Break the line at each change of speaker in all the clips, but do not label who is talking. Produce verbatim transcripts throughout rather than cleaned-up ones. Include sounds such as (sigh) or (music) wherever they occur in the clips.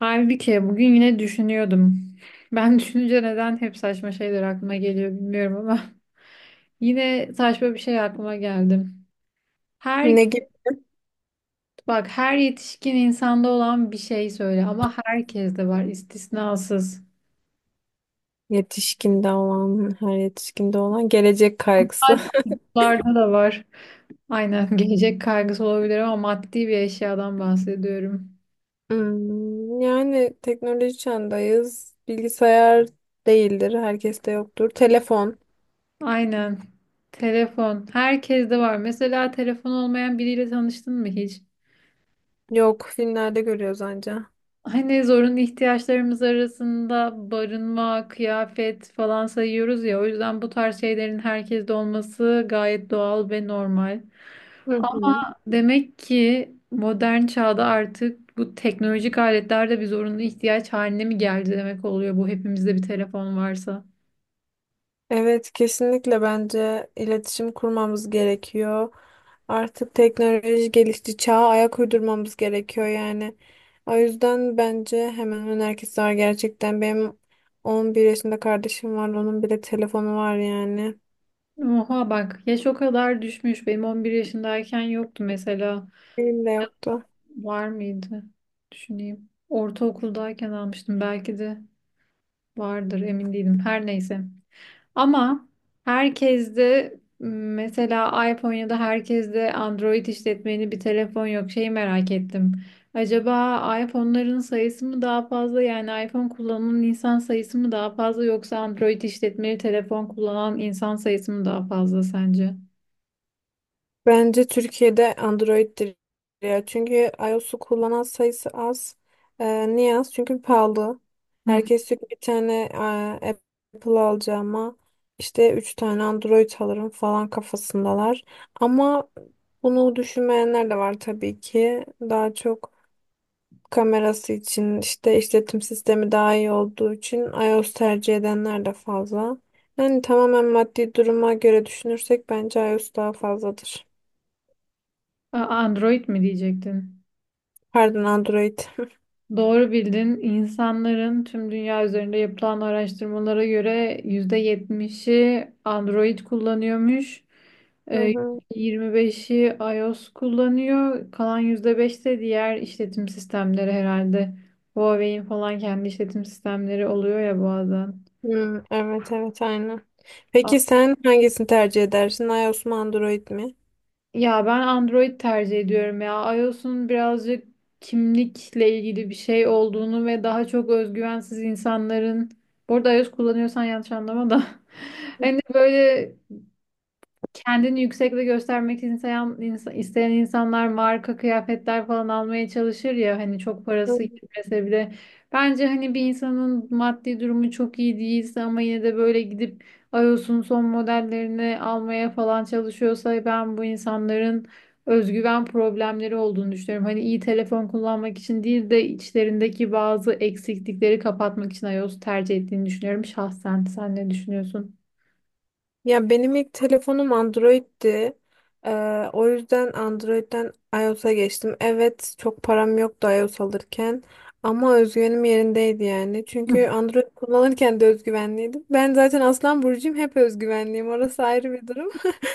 Halbuki bugün yine düşünüyordum. Ben (laughs) düşününce neden hep saçma şeyler aklıma geliyor bilmiyorum ama (laughs) yine saçma bir şey aklıma geldi. Her
Ne gibi?
Bak, her yetişkin insanda olan bir şey söyle ama herkeste var, istisnasız.
Yetişkinde olan, her yetişkinde olan gelecek kaygısı.
Hatta
(laughs)
çocuklarda da var. Aynen, (laughs) gelecek kaygısı olabilir ama maddi bir eşyadan bahsediyorum.
Hmm, yani teknoloji çağındayız. Bilgisayar değildir, herkeste yoktur. Telefon
Aynen. Telefon. Herkeste var. Mesela telefon olmayan biriyle tanıştın mı hiç?
yok, filmlerde görüyoruz anca.
Hani zorunlu ihtiyaçlarımız arasında barınma, kıyafet falan sayıyoruz ya. O yüzden bu tarz şeylerin herkeste olması gayet doğal ve normal.
Hı
Ama
hı.
demek ki modern çağda artık bu teknolojik aletler de bir zorunlu ihtiyaç haline mi geldi demek oluyor bu, hepimizde bir telefon varsa.
Evet, kesinlikle bence iletişim kurmamız gerekiyor. Artık teknoloji gelişti, çağa ayak uydurmamız gerekiyor yani. O yüzden bence hemen hemen herkes var gerçekten. Benim on bir yaşında kardeşim var, onun bile telefonu var yani.
Oha, bak, yaş o kadar düşmüş. Benim on bir yaşındayken yoktu mesela.
Benim de yoktu.
Var mıydı? Düşüneyim. Ortaokuldayken almıştım, belki de vardır, emin değilim. Her neyse. Ama herkes de mesela iPhone ya da herkes de Android işletmeni bir telefon yok. Şeyi merak ettim. Acaba iPhone'ların sayısı mı daha fazla, yani iPhone kullanan insan sayısı mı daha fazla, yoksa Android işletmeli telefon kullanan insan sayısı mı daha fazla sence?
Bence Türkiye'de Android'dir ya. Çünkü iOS'u kullanan sayısı az. Ee, niye az? Çünkü pahalı.
Hı.
Herkes diyor ki bir tane e, Apple alacağıma işte üç tane Android alırım falan kafasındalar. Ama bunu düşünmeyenler de var tabii ki. Daha çok kamerası için işte işletim sistemi daha iyi olduğu için iOS tercih edenler de fazla. Yani tamamen maddi duruma göre düşünürsek bence iOS daha fazladır.
A- Android mi diyecektin?
Pardon Android. (laughs)
Doğru bildin. İnsanların, tüm dünya üzerinde yapılan araştırmalara göre, yüzde yetmişi Android kullanıyormuş.
Hı
Ee,
hı.
Yirmi beşi iOS kullanıyor. Kalan yüzde beş de diğer işletim sistemleri herhalde. Huawei'in falan kendi işletim sistemleri oluyor ya bazen.
Hmm, evet evet aynen. Peki sen hangisini tercih edersin? iOS mu Android mi?
Ya ben Android tercih ediyorum ya. iOS'un birazcık kimlikle ilgili bir şey olduğunu ve daha çok özgüvensiz insanların... Bu arada iOS kullanıyorsan yanlış anlama da. (laughs) Hani böyle kendini yüksekte göstermek isteyen, insa- isteyen insanlar marka kıyafetler falan almaya çalışır ya, hani çok parası gitmese bile. Bence hani bir insanın maddi durumu çok iyi değilse ama yine de böyle gidip iOS'un son modellerini almaya falan çalışıyorsa, ben bu insanların özgüven problemleri olduğunu düşünüyorum. Hani iyi telefon kullanmak için değil de içlerindeki bazı eksiklikleri kapatmak için iOS tercih ettiğini düşünüyorum şahsen. Sen ne düşünüyorsun?
Ya benim ilk telefonum Android'ti. Ee, o yüzden Android'den iOS'a geçtim. Evet, çok param yoktu iOS alırken ama özgüvenim yerindeydi yani. Çünkü Android kullanırken de özgüvenliydim. Ben zaten Aslan burcuyum, hep özgüvenliyim. Orası ayrı bir durum. (laughs)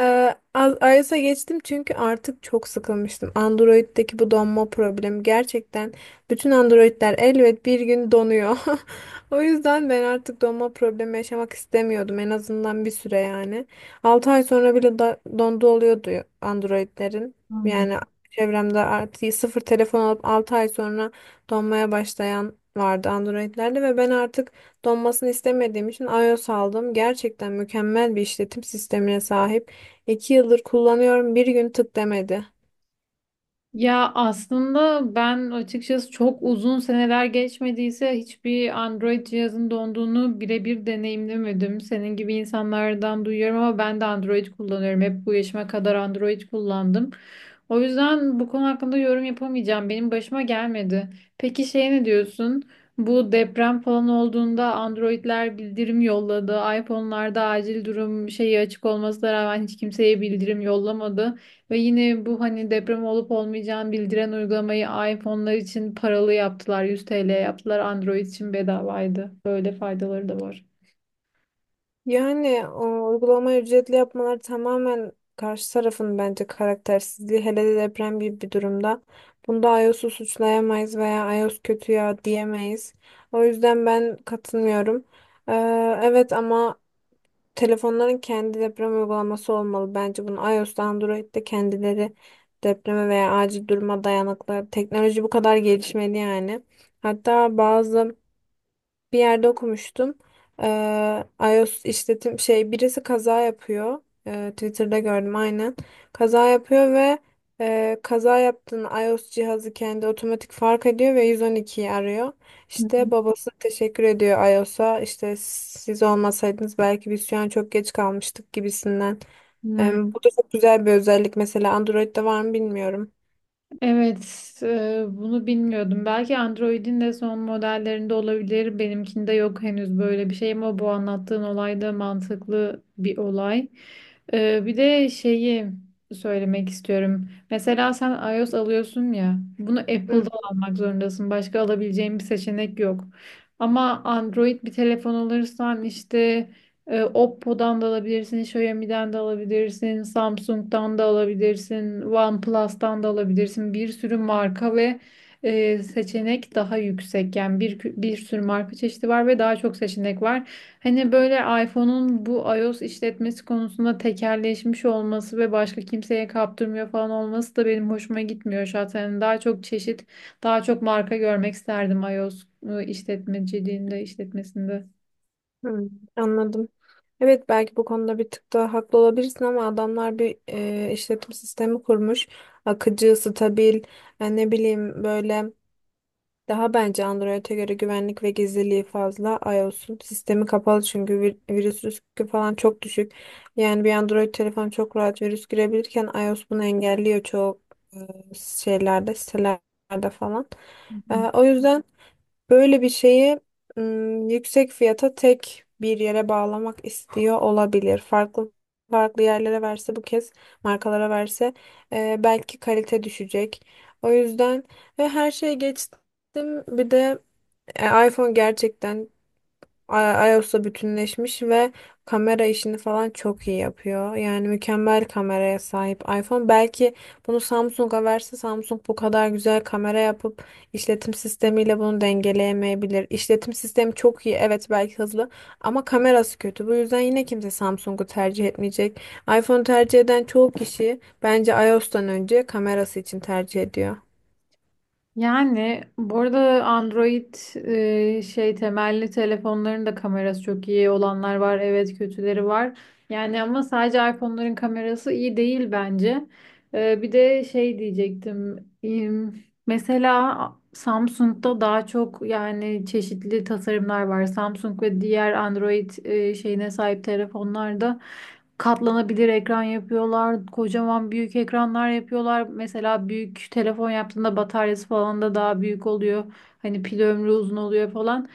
Ee, A- iOS'a geçtim çünkü artık çok sıkılmıştım. Android'deki bu donma problemi gerçekten bütün Android'ler elbet bir gün donuyor. (laughs) O yüzden ben artık donma problemi yaşamak istemiyordum en azından bir süre yani. Altı ay sonra bile da dondu oluyordu Android'lerin.
Hmm.
Yani çevremde artık sıfır telefon alıp altı ay sonra donmaya başlayan vardı Android'lerde ve ben artık donmasını istemediğim için iOS aldım. Gerçekten mükemmel bir işletim sistemine sahip. iki yıldır kullanıyorum bir gün tık demedi.
Ya aslında ben açıkçası, çok uzun seneler geçmediyse, hiçbir Android cihazın donduğunu birebir deneyimlemedim. Senin gibi insanlardan duyuyorum ama ben de Android kullanıyorum. Hep bu yaşıma kadar Android kullandım. O yüzden bu konu hakkında yorum yapamayacağım. Benim başıma gelmedi. Peki şey, ne diyorsun? Bu deprem falan olduğunda Android'ler bildirim yolladı. iPhone'larda acil durum şeyi açık olmasına rağmen hiç kimseye bildirim yollamadı. Ve yine bu hani deprem olup olmayacağını bildiren uygulamayı iPhone'lar için paralı yaptılar. yüz T L yaptılar. Android için bedavaydı. Böyle faydaları da var.
Yani o uygulamayı ücretli yapmalar tamamen karşı tarafın bence karaktersizliği hele de deprem gibi bir durumda. Bunda iOS'u suçlayamayız veya iOS kötü ya diyemeyiz. O yüzden ben katılmıyorum. Ee, evet ama telefonların kendi deprem uygulaması olmalı. Bence bunu iOS'ta Android'de kendileri depreme veya acil duruma dayanıklı. Teknoloji bu kadar gelişmeli yani. Hatta bazı bir yerde okumuştum. Eee iOS işletim şey birisi kaza yapıyor. Eee, Twitter'da gördüm aynen. Kaza yapıyor ve eee, kaza yaptığını iOS cihazı kendi otomatik fark ediyor ve yüz on ikiyi arıyor.
Hı
İşte
hı.
babası teşekkür ediyor iOS'a. İşte siz olmasaydınız belki biz şu an çok geç kalmıştık gibisinden. Eee,
Hmm.
bu da çok güzel bir özellik. Mesela Android'de var mı bilmiyorum.
Evet, e, bunu bilmiyordum. Belki Android'in de son modellerinde olabilir. Benimkinde yok henüz böyle bir şey ama bu anlattığın olay da mantıklı bir olay. E, bir de şeyi söylemek istiyorum. Mesela sen iOS alıyorsun ya, bunu Apple'da almak zorundasın. Başka alabileceğin bir seçenek yok. Ama Android bir telefon alırsan, işte, e, Oppo'dan da alabilirsin, Xiaomi'den de alabilirsin, Samsung'dan da alabilirsin, OnePlus'tan da alabilirsin. Bir sürü marka ve e, seçenek, daha yüksek. Yani bir bir sürü marka çeşidi var ve daha çok seçenek var. Hani böyle iPhone'un bu iOS işletmesi konusunda tekelleşmiş olması ve başka kimseye kaptırmıyor falan olması da benim hoşuma gitmiyor zaten. Daha çok çeşit, daha çok marka görmek isterdim iOS e, işletmeciliğinde, işletmesinde.
Hmm, anladım. Evet belki bu konuda bir tık daha haklı olabilirsin ama adamlar bir e, işletim sistemi kurmuş. Akıcı, stabil, e, ne bileyim böyle daha bence Android'e göre güvenlik ve gizliliği fazla. iOS'un sistemi kapalı çünkü vir- virüs riski falan çok düşük. Yani bir Android telefon çok rahat virüs girebilirken iOS bunu engelliyor çoğu e, şeylerde, sitelerde falan. E, o yüzden böyle bir şeyi ım, yüksek fiyata tek bir yere bağlamak istiyor olabilir. Farklı farklı yerlere verse bu kez markalara verse e, belki kalite düşecek. O yüzden ve her şeye geçtim. Bir de e, iPhone gerçekten I- iOS'la bütünleşmiş ve kamera işini falan çok iyi yapıyor. Yani mükemmel kameraya sahip iPhone. Belki bunu Samsung'a verse Samsung bu kadar güzel kamera yapıp işletim sistemiyle bunu dengeleyemeyebilir. İşletim sistemi çok iyi, evet belki hızlı ama kamerası kötü. Bu yüzden yine kimse Samsung'u tercih etmeyecek. iPhone tercih eden çoğu kişi bence iOS'tan önce kamerası için tercih ediyor.
Yani bu arada Android e, şey temelli telefonların da kamerası çok iyi olanlar var. Evet, kötüleri var. Yani ama sadece iPhone'ların kamerası iyi değil bence. E, bir de şey diyecektim. im, Mesela Samsung'da daha çok yani çeşitli tasarımlar var. Samsung ve diğer Android e, şeyine sahip telefonlarda. Katlanabilir ekran yapıyorlar. Kocaman büyük ekranlar yapıyorlar. Mesela büyük telefon yaptığında bataryası falan da daha büyük oluyor. Hani pil ömrü uzun oluyor falan.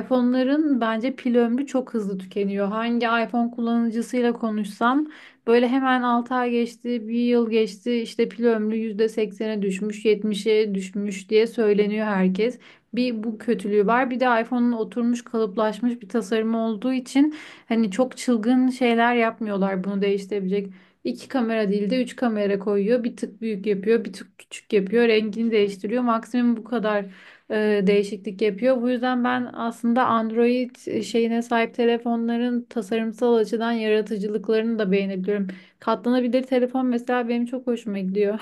iPhone'ların bence pil ömrü çok hızlı tükeniyor. Hangi iPhone kullanıcısıyla konuşsam böyle hemen altı ay geçti, bir yıl geçti, işte pil ömrü yüzde seksene düşmüş, yetmişe düşmüş diye söyleniyor herkes. Bir bu kötülüğü var. Bir de iPhone'un oturmuş, kalıplaşmış bir tasarımı olduğu için hani çok çılgın şeyler yapmıyorlar bunu değiştirebilecek. İki kamera değil de üç kamera koyuyor. Bir tık büyük yapıyor, bir tık küçük yapıyor. Rengini değiştiriyor. Maksimum bu kadar e, değişiklik yapıyor. Bu yüzden ben aslında Android e, şeyine sahip telefonların tasarımsal açıdan yaratıcılıklarını da beğenebiliyorum. Katlanabilir telefon mesela benim çok hoşuma gidiyor.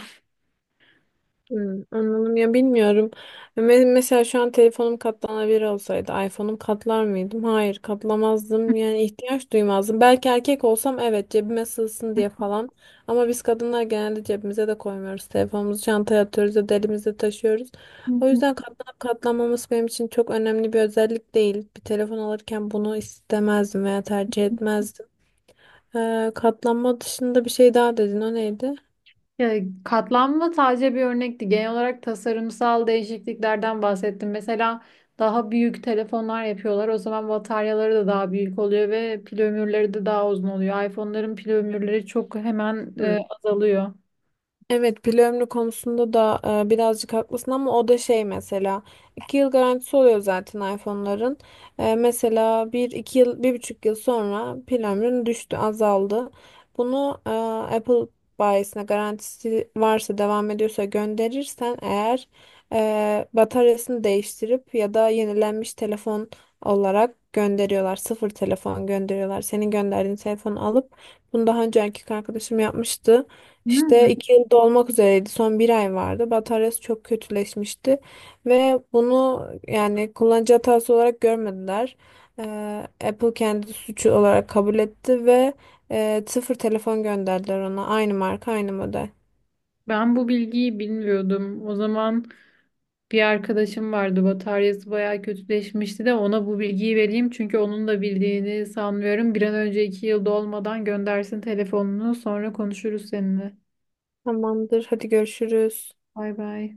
Hmm, anladım ya bilmiyorum. Me- Mesela şu an telefonum katlanabilir olsaydı iPhone'um katlar mıydım? Hayır katlamazdım yani ihtiyaç duymazdım. Belki erkek olsam evet cebime sığsın diye falan. Ama biz kadınlar genelde cebimize de koymuyoruz. Telefonumuzu çantaya atıyoruz ya da elimizde taşıyoruz. O
(laughs)
yüzden katlanıp katlanmaması benim için çok önemli bir özellik değil. Bir telefon alırken bunu istemezdim veya tercih etmezdim. Ee, katlanma dışında bir şey daha dedin. O neydi?
Ya, katlanma sadece bir örnekti. Genel olarak tasarımsal değişikliklerden bahsettim. Mesela daha büyük telefonlar yapıyorlar. O zaman bataryaları da daha büyük oluyor ve pil ömürleri de daha uzun oluyor. iPhone'ların pil ömürleri çok hemen e,
Hmm.
azalıyor.
Evet pil ömrü konusunda da e, birazcık haklısın ama o da şey mesela iki yıl garantisi oluyor zaten iPhone'ların. E, mesela bir iki yıl bir buçuk yıl sonra pil ömrün düştü azaldı. Bunu e, Apple bayisine garantisi varsa devam ediyorsa gönderirsen eğer e, bataryasını değiştirip ya da yenilenmiş telefon olarak gönderiyorlar. Sıfır telefon gönderiyorlar. Senin gönderdiğin telefonu alıp bunu daha önce erkek arkadaşım yapmıştı. İşte
Hmm.
iki yıl dolmak üzereydi. Son bir ay vardı. Bataryası çok kötüleşmişti. Ve bunu yani kullanıcı hatası olarak görmediler. Ee, Apple kendi suçu olarak kabul etti ve e, sıfır telefon gönderdiler ona. Aynı marka, aynı model.
Ben bu bilgiyi bilmiyordum. O zaman bir arkadaşım vardı. Bataryası bayağı kötüleşmişti, de ona bu bilgiyi vereyim. Çünkü onun da bildiğini sanmıyorum. Bir an önce iki yıl dolmadan göndersin telefonunu. Sonra konuşuruz seninle.
Tamamdır. Hadi görüşürüz.
Bay bay.